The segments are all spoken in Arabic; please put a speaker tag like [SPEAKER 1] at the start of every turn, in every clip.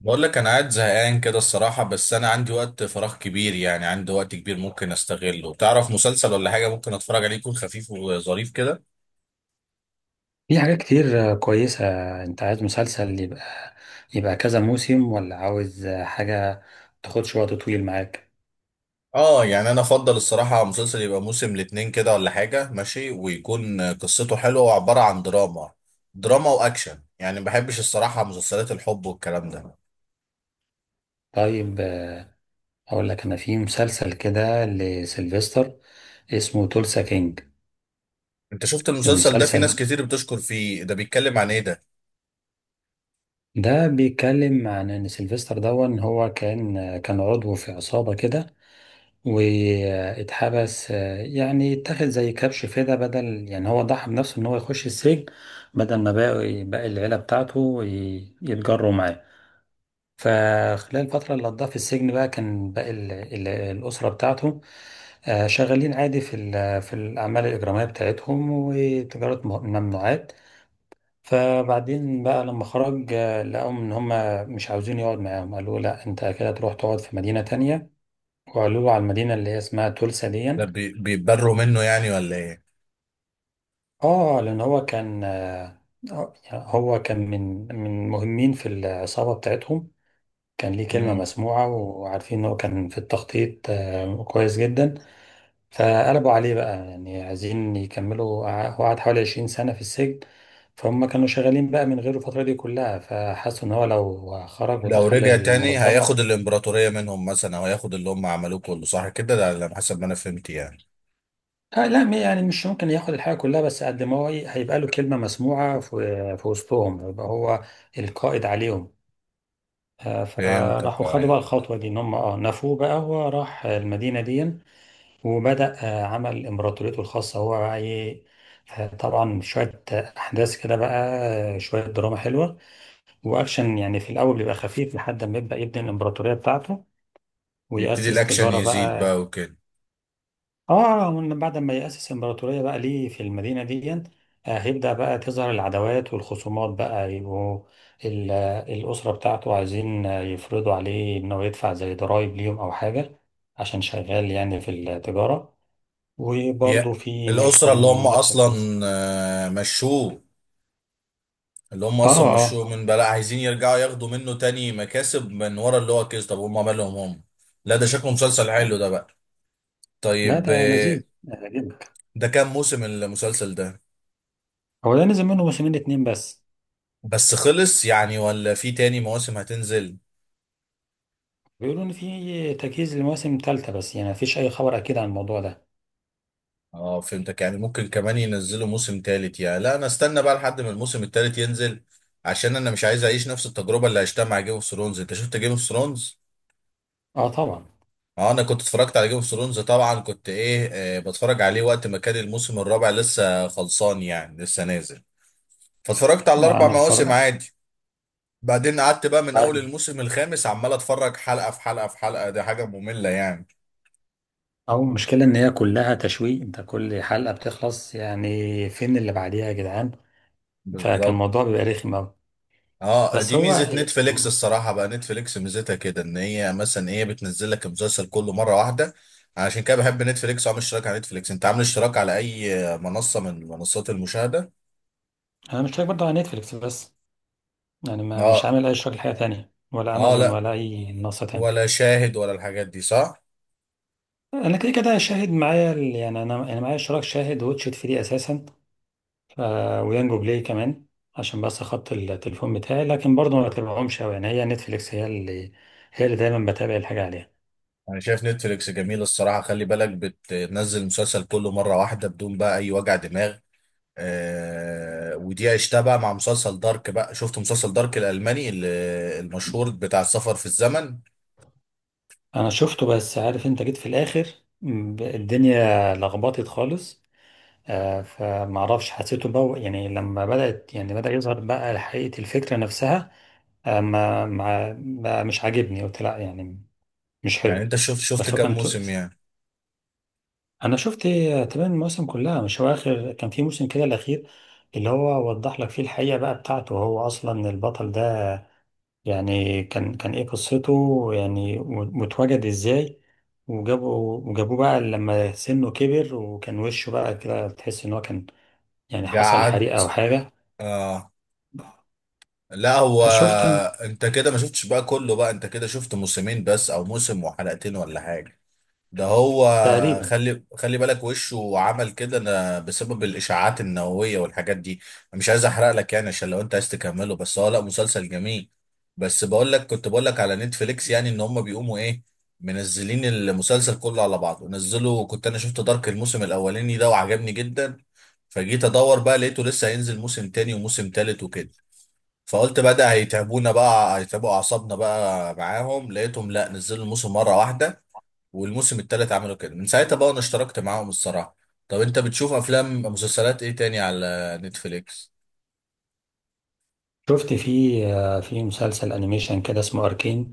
[SPEAKER 1] بقول لك انا قاعد زهقان كده الصراحة، بس انا عندي وقت فراغ كبير، يعني عندي وقت كبير ممكن استغله. تعرف مسلسل ولا حاجة ممكن اتفرج عليه يكون خفيف وظريف كده؟
[SPEAKER 2] في حاجات كتير كويسة. انت عايز مسلسل يبقى؟ يبقى كذا موسم، ولا عاوز حاجة تاخدش وقت طويل معاك؟
[SPEAKER 1] اه، يعني انا افضل الصراحة مسلسل يبقى موسم الاتنين كده ولا حاجة ماشي، ويكون قصته حلوة وعبارة عن دراما. دراما واكشن، يعني ما بحبش الصراحة مسلسلات الحب والكلام ده.
[SPEAKER 2] طيب، اقول لك انا في مسلسل كده لسيلفستر، اسمه تولسا كينج.
[SPEAKER 1] انت شفت المسلسل ده؟ في ناس
[SPEAKER 2] المسلسل
[SPEAKER 1] كتير بتشكر فيه. ده بيتكلم عن ايه ده؟
[SPEAKER 2] ده بيتكلم عن ان سيلفستر ده ان هو كان عضو في عصابة كده واتحبس. يعني اتاخد زي كبش فدا بدل، يعني هو ضحى بنفسه ان هو يخش السجن بدل ما باقي العيلة بتاعته يتجروا معاه. فخلال الفترة اللي قضاها في السجن بقى، كان باقي الأسرة بتاعته شغالين عادي في الأعمال الإجرامية بتاعتهم وتجارة ممنوعات. فبعدين بقى لما خرج لقاهم إن هما مش عاوزين يقعد معاهم، قالوا له لا، أنت كده تروح تقعد في مدينة تانية، وقالوا له على المدينة اللي هي اسمها تولسا دي.
[SPEAKER 1] ده بيتبروا منه يعني ولا
[SPEAKER 2] اه، لأن هو كان، يعني هو كان من مهمين في العصابة بتاعتهم. كان ليه كلمة
[SPEAKER 1] ايه؟
[SPEAKER 2] مسموعة، وعارفين إن هو كان في التخطيط كويس جدا. فقلبوا عليه بقى، يعني عايزين يكملوا، هو قعد حوالي 20 سنة في السجن. فهم كانوا شغالين بقى من غيره الفترة دي كلها، فحسوا إن هو لو خرج
[SPEAKER 1] لو
[SPEAKER 2] ودخل
[SPEAKER 1] رجع تاني
[SPEAKER 2] المنظمة،
[SPEAKER 1] هياخد الامبراطورية منهم مثلا، او هياخد اللي هم عملوه كله، صح كده؟ ده على حسب ما انا فهمت يعني.
[SPEAKER 2] آه لا، يعني مش ممكن ياخد الحاجة كلها، بس قد ما هو هيبقى له كلمة مسموعة في وسطهم، يبقى هو القائد عليهم.
[SPEAKER 1] فهمتك
[SPEAKER 2] فراحوا خدوا
[SPEAKER 1] اه.
[SPEAKER 2] بقى الخطوة دي، إن هم نفوه بقى، هو راح المدينة دي وبدأ. عمل إمبراطوريته الخاصة هو بقى إيه. طبعا شوية أحداث كده بقى، شوية دراما حلوة وأكشن. يعني في الأول بيبقى خفيف لحد ما يبدأ يبني الإمبراطورية بتاعته
[SPEAKER 1] يبتدي
[SPEAKER 2] ويأسس
[SPEAKER 1] الاكشن
[SPEAKER 2] تجارة
[SPEAKER 1] يزيد
[SPEAKER 2] بقى.
[SPEAKER 1] بقى وكده.
[SPEAKER 2] آه، ومن بعد ما يأسس إمبراطورية بقى ليه في المدينة دي، هيبدأ بقى تظهر العداوات والخصومات. بقى يبقوا الأسرة بتاعته عايزين يفرضوا عليه إنه يدفع زي ضرايب ليهم أو حاجة، عشان شغال يعني في التجارة. وبرضه
[SPEAKER 1] يا
[SPEAKER 2] في ناس
[SPEAKER 1] الاسرة اللي
[SPEAKER 2] تانيين
[SPEAKER 1] هم
[SPEAKER 2] نفس القصة.
[SPEAKER 1] اصلا مشوه، اللي هم
[SPEAKER 2] اه،
[SPEAKER 1] اصلا
[SPEAKER 2] اه.
[SPEAKER 1] مشوه من بقى، لا عايزين يرجعوا ياخدوا منه تاني مكاسب من ورا اللي هو كيس؟ طب هم مالهم هم؟ لا، ده شكله مسلسل حلو ده بقى.
[SPEAKER 2] لا،
[SPEAKER 1] طيب
[SPEAKER 2] ده لذيذ جدا.
[SPEAKER 1] ده كام موسم المسلسل ده؟
[SPEAKER 2] هو ده نزل منه موسمين اتنين بس.
[SPEAKER 1] بس خلص يعني، ولا في تاني مواسم هتنزل؟
[SPEAKER 2] بيقولوا ان في تجهيز لمواسم تالتة، بس يعني مفيش اي خبر اكيد عن الموضوع ده.
[SPEAKER 1] اه فهمتك، يعني ممكن كمان ينزلوا موسم تالت يعني. لا، انا استنى بقى لحد ما الموسم التالت ينزل، عشان انا مش عايز اعيش نفس التجربه اللي عشتها مع جيم اوف ثرونز. انت شفت جيم اوف ثرونز؟
[SPEAKER 2] اه طبعا.
[SPEAKER 1] اه، انا كنت اتفرجت على جيم اوف ثرونز طبعا، كنت ايه بتفرج عليه وقت ما كان الموسم الرابع لسه خلصان يعني، لسه نازل. فاتفرجت على الاربع
[SPEAKER 2] انا
[SPEAKER 1] مواسم
[SPEAKER 2] اتفرجت.
[SPEAKER 1] عادي. بعدين قعدت بقى من اول
[SPEAKER 2] عادي.
[SPEAKER 1] الموسم الخامس عمال اتفرج حلقه في حلقه في حلقه، دي حاجه ممله يعني.
[SPEAKER 2] او المشكلة ان هي كلها تشويق، انت كل حلقة بتخلص يعني فين اللي بعديها يا جدعان. فكان
[SPEAKER 1] بالظبط.
[SPEAKER 2] الموضوع بيبقى رخم اوي.
[SPEAKER 1] اه،
[SPEAKER 2] بس
[SPEAKER 1] دي
[SPEAKER 2] هو
[SPEAKER 1] ميزه
[SPEAKER 2] آه،
[SPEAKER 1] نتفليكس الصراحه بقى. نتفليكس ميزتها كده، ان هي مثلا ايه، بتنزل لك المسلسل كله مره واحده. عشان كده بحب نتفليكس، وعامل اشتراك على نتفليكس. انت عامل اشتراك على اي منصه من منصات المشاهده؟
[SPEAKER 2] انا مش شايف برضه على نتفليكس بس، يعني ما مش
[SPEAKER 1] اه.
[SPEAKER 2] عامل اي شغل حاجة تانية، ولا
[SPEAKER 1] اه
[SPEAKER 2] امازون
[SPEAKER 1] لا،
[SPEAKER 2] ولا اي منصة تانية.
[SPEAKER 1] ولا شاهد ولا الحاجات دي، صح؟
[SPEAKER 2] انا كده كده شاهد معايا، يعني انا معايا اشتراك شاهد واتش 3 اساسا، ف... ويانجو بلاي كمان، عشان بس خط التليفون بتاعي. لكن برضه ما بتابعهمش قوي، يعني هي نتفليكس هي اللي دايما بتابع الحاجه عليها.
[SPEAKER 1] انا شايف نتفليكس جميل الصراحه. خلي بالك بتنزل المسلسل كله مره واحده بدون بقى اي وجع دماغ. آه، ودي عشتها بقى مع مسلسل دارك بقى. شفت مسلسل دارك الالماني المشهور بتاع السفر في الزمن؟
[SPEAKER 2] انا شفته، بس عارف انت جيت في الاخر، الدنيا لخبطت خالص. فمعرفش حسيته بقى، يعني لما بدأت، يعني بدأ يظهر بقى حقيقة الفكرة نفسها، بقى مش عاجبني، قلت لا يعني، مش
[SPEAKER 1] يعني
[SPEAKER 2] حلو.
[SPEAKER 1] انت شفت
[SPEAKER 2] بس هو
[SPEAKER 1] كام
[SPEAKER 2] كان،
[SPEAKER 1] موسم يعني؟
[SPEAKER 2] انا شفت تمام المواسم كلها. مش هو اخر كان في موسم كده الاخير، اللي هو وضح لك فيه الحقيقه بقى بتاعته، هو اصلا البطل ده، يعني كان ايه قصته، يعني واتوجد ازاي، وجابوه بقى لما سنه كبر، وكان وشه بقى كده تحس ان هو كان يعني حصل حريقه او
[SPEAKER 1] قعدت.
[SPEAKER 2] حاجه.
[SPEAKER 1] اه. لا هو،
[SPEAKER 2] شفتها
[SPEAKER 1] انت كده ما شفتش بقى كله بقى، انت كده شفت موسمين بس او موسم وحلقتين ولا حاجة؟ ده هو.
[SPEAKER 2] تقريبا.
[SPEAKER 1] خلي بالك وشه عمل كده انا بسبب الاشاعات النوويه والحاجات دي. أنا مش عايز احرق لك يعني، عشان لو انت عايز تكمله. بس هو لا، مسلسل جميل. بس بقول لك كنت بقول لك على نتفليكس، يعني ان هم بيقوموا ايه منزلين المسلسل كله على بعضه. نزلوا، كنت انا شفت دارك الموسم الاولاني ده وعجبني جدا. فجيت ادور بقى، لقيته لسه هينزل موسم تاني وموسم تالت وكده. فقلت بقى ده هيتعبونا بقى، هيتعبوا اعصابنا بقى معاهم. لقيتهم لا، نزلوا الموسم مره واحده، والموسم التالت عملوا كده. من ساعتها بقى انا اشتركت معاهم الصراحة. طب انت بتشوف افلام مسلسلات ايه تاني على نتفليكس؟
[SPEAKER 2] شفت في في مسلسل انيميشن كده اسمه اركين،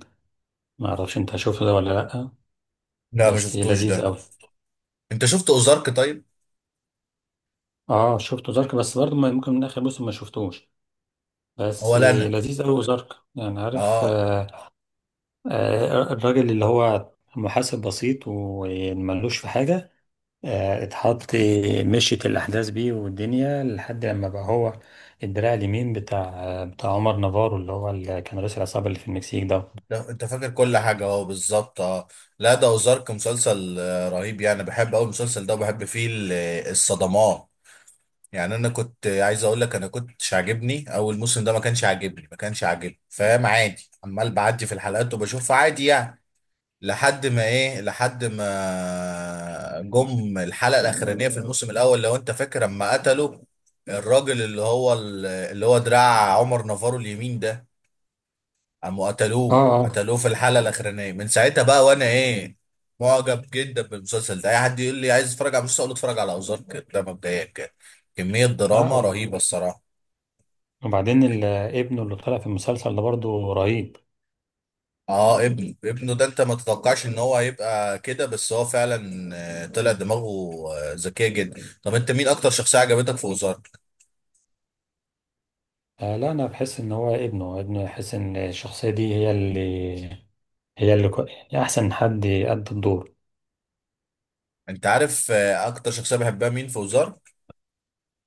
[SPEAKER 2] ما اعرفش انت شفته ده ولا لا،
[SPEAKER 1] لا، ما
[SPEAKER 2] بس
[SPEAKER 1] شفتوش
[SPEAKER 2] لذيذ
[SPEAKER 1] ده.
[SPEAKER 2] قوي.
[SPEAKER 1] انت شفت اوزارك طيب؟
[SPEAKER 2] اه شفته زرك، بس برضه ممكن من اخر موسم ما شفتوش، بس
[SPEAKER 1] ولا انا.
[SPEAKER 2] لذيذ قوي زرك. يعني عارف.
[SPEAKER 1] اه.
[SPEAKER 2] الراجل اللي هو محاسب بسيط وملوش في حاجة، اتحط، مشيت الأحداث بيه والدنيا لحد لما بقى هو الدراع اليمين بتاع عمر نافارو، اللي هو اللي كان رئيس العصابة اللي في المكسيك ده. اه،
[SPEAKER 1] انت فاكر كل حاجة اهو بالظبط، اه. لا، ده اوزارك مسلسل رهيب يعني. بحب اول المسلسل ده، وبحب فيه الصدمات. يعني انا كنت عايز اقول لك، انا كنتش عاجبني اول موسم ده، ما كانش عاجبني، فاهم؟ عادي عمال بعدي في الحلقات وبشوفها عادي يعني، لحد ما ايه، لحد ما جم الحلقه الاخرانيه في الموسم الاول. لو انت فاكر لما قتلوا الراجل اللي هو اللي هو دراع عمر نافارو اليمين ده، قاموا قتلوه
[SPEAKER 2] اه،
[SPEAKER 1] قتلوه في الحلقه الاخرانيه. من ساعتها بقى وانا ايه، معجب جدا بالمسلسل ده. اي حد يقول لي عايز اتفرج على مسلسل، اقول له اتفرج على ازارك ده مبدئيا كده. كميه
[SPEAKER 2] اه
[SPEAKER 1] دراما
[SPEAKER 2] والله.
[SPEAKER 1] رهيبه الصراحه.
[SPEAKER 2] وبعدين ابنه اللي طلع في المسلسل ده برضه رهيب.
[SPEAKER 1] اه، ابنه ده انت ما تتوقعش ان هو هيبقى كده، بس هو فعلا طلع دماغه ذكيه جدا. طب انت مين اكتر شخصيه عجبتك في وزارت؟
[SPEAKER 2] لا، انا بحس ان هو ابنه يحس ان الشخصيه دي هي اللي يعني احسن حد يأدي الدور.
[SPEAKER 1] انت عارف اكتر شخصيه بحبها مين في وزارت؟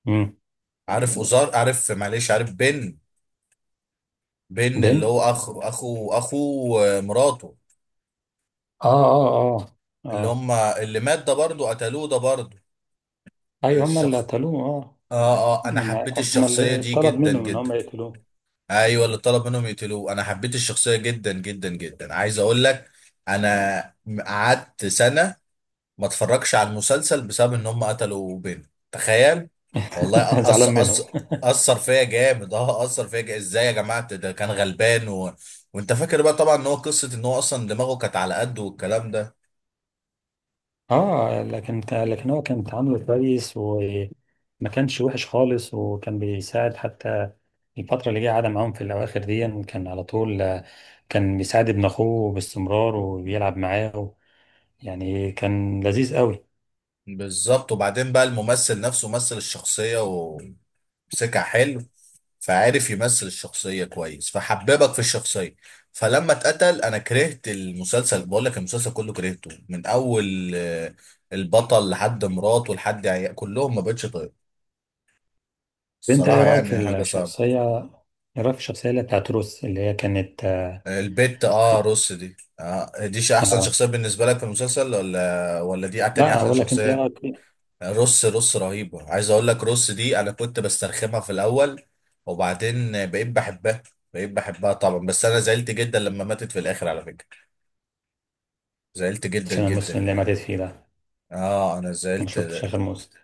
[SPEAKER 2] امم.
[SPEAKER 1] عارف وزار؟ عارف معلش، عارف بن؟ بن اللي
[SPEAKER 2] بين،
[SPEAKER 1] هو اخو مراته،
[SPEAKER 2] اه، اه، اه،
[SPEAKER 1] اللي
[SPEAKER 2] اه،
[SPEAKER 1] هم اللي مات ده برضه، قتلوه ده برضه
[SPEAKER 2] ايوه هم اللي
[SPEAKER 1] الشخص.
[SPEAKER 2] قتلوه. اه،
[SPEAKER 1] اه. اه، انا
[SPEAKER 2] لما-
[SPEAKER 1] حبيت
[SPEAKER 2] هم
[SPEAKER 1] الشخصيه
[SPEAKER 2] اللي
[SPEAKER 1] دي
[SPEAKER 2] طلب
[SPEAKER 1] جدا
[SPEAKER 2] منهم ان هم
[SPEAKER 1] جدا.
[SPEAKER 2] يقتلوه.
[SPEAKER 1] ايوه، اللي طلب منهم يقتلوه. انا حبيت الشخصيه جدا جدا جدا. عايز اقول لك، انا قعدت سنه ما اتفرجش على المسلسل بسبب ان هم قتلوا بنت. تخيل! والله
[SPEAKER 2] زعلان
[SPEAKER 1] أص
[SPEAKER 2] منهم.
[SPEAKER 1] اثر فيا جامد، اه اثر فيا جامد. ازاي يا جماعه؟ ده كان غلبان و... وانت فاكر بقى طبعا ان هو قصه ان هو اصلا دماغه كانت على قده والكلام ده.
[SPEAKER 2] اه، لكن هو كان تعامله كويس، وما كانش وحش خالص، وكان بيساعد حتى. الفترة اللي جه قعد معاهم في الأواخر دي كان على طول كان بيساعد ابن أخوه باستمرار وبيلعب معاه. يعني كان لذيذ قوي.
[SPEAKER 1] بالظبط. وبعدين بقى الممثل نفسه مثل الشخصيه سكة حلو، فعارف يمثل الشخصية كويس، فحببك في الشخصية. فلما اتقتل انا كرهت المسلسل. بقول لك المسلسل كله كرهته، من اول البطل لحد مراته لحد عيال كلهم. ما بقتش طيب
[SPEAKER 2] انت ايه
[SPEAKER 1] الصراحة،
[SPEAKER 2] رايك
[SPEAKER 1] يعني
[SPEAKER 2] في
[SPEAKER 1] حاجة صعبة.
[SPEAKER 2] الشخصيه، ايه رايك في الشخصيه اللي بتاعت روس، اللي هي كانت،
[SPEAKER 1] البت اه
[SPEAKER 2] كانت-
[SPEAKER 1] روس دي، آه دي احسن
[SPEAKER 2] آه.
[SPEAKER 1] شخصية بالنسبة لك في المسلسل، ولا دي تاني
[SPEAKER 2] لا،
[SPEAKER 1] احسن
[SPEAKER 2] اقول لك، انت ايه
[SPEAKER 1] شخصية؟
[SPEAKER 2] رايك في،
[SPEAKER 1] رص رهيبة. عايز اقول لك رص دي انا كنت بسترخمها في الاول، وبعدين بقيت بحبها، طبعا. بس انا زعلت جدا لما ماتت في الاخر على فكرة، زعلت جدا
[SPEAKER 2] عشان
[SPEAKER 1] جدا
[SPEAKER 2] المسلم اللي
[SPEAKER 1] يعني.
[SPEAKER 2] ماتت فيه ده،
[SPEAKER 1] اه، انا
[SPEAKER 2] ما
[SPEAKER 1] زعلت.
[SPEAKER 2] شفتش اخر مسلم؟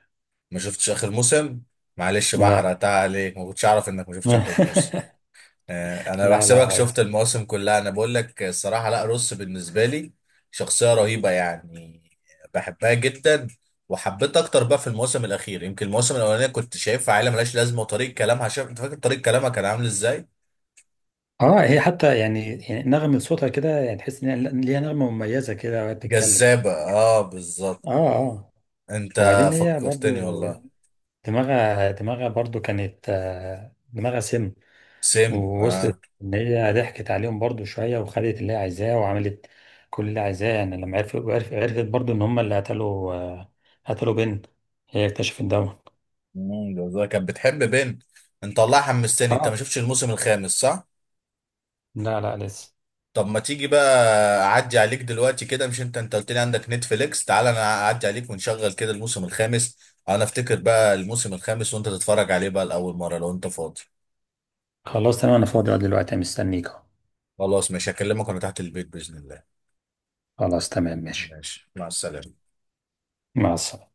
[SPEAKER 1] ما شفتش اخر موسم؟ معلش بقى،
[SPEAKER 2] لا.
[SPEAKER 1] حرقتها عليك. ما كنتش اعرف انك ما شفتش اخر موسم. انا
[SPEAKER 2] لا لا،
[SPEAKER 1] بحسبك شفت
[SPEAKER 2] عادي.
[SPEAKER 1] المواسم كلها. انا بقول لك الصراحه، لا، روس بالنسبه لي شخصيه رهيبه يعني، بحبها جدا. وحبيت اكتر بقى في الموسم الاخير. يمكن الموسم الاولانيه كنت شايفها عيله ملهاش لازمه، وطريقه كلامها، شايف؟ انت فاكر طريقه كلامها كان عامل ازاي؟
[SPEAKER 2] اه، هي حتى يعني نغمة صوتها كده، يعني تحس ان هي ليها نغمة مميزة كده وهي بتتكلم.
[SPEAKER 1] جذابه، اه بالظبط.
[SPEAKER 2] اه، اه.
[SPEAKER 1] انت
[SPEAKER 2] وبعدين هي
[SPEAKER 1] فكرتني
[SPEAKER 2] برضو
[SPEAKER 1] والله.
[SPEAKER 2] دماغها برضو كانت، دماغها سم.
[SPEAKER 1] سم. اه
[SPEAKER 2] ووصلت ان هي ضحكت عليهم برضو شويه، وخدت اللي هي عايزاه وعملت كل اللي عايزاه. يعني لما عرفت برضو ان هم اللي قتلوا، قتلوا بنت، هي اكتشفت ده.
[SPEAKER 1] بالظبط. كانت بتحب بنت. انت والله حمستني. انت
[SPEAKER 2] اه
[SPEAKER 1] ما شفتش الموسم الخامس، صح؟
[SPEAKER 2] لا، لا لسه.
[SPEAKER 1] طب ما تيجي بقى، اعدي عليك دلوقتي كده؟ مش انت انت قلت لي عندك نتفليكس؟ تعال انا اعدي عليك، ونشغل كده الموسم الخامس. انا افتكر بقى الموسم الخامس، وانت تتفرج عليه بقى لاول مره، لو انت فاضي.
[SPEAKER 2] خلاص تمام، انا فاضي دلوقتي، مستنيك.
[SPEAKER 1] خلاص ماشي، هكلمك وانا تحت البيت باذن الله.
[SPEAKER 2] خلاص تمام ماشي.
[SPEAKER 1] ماشي، مع السلامه.
[SPEAKER 2] مع السلامه.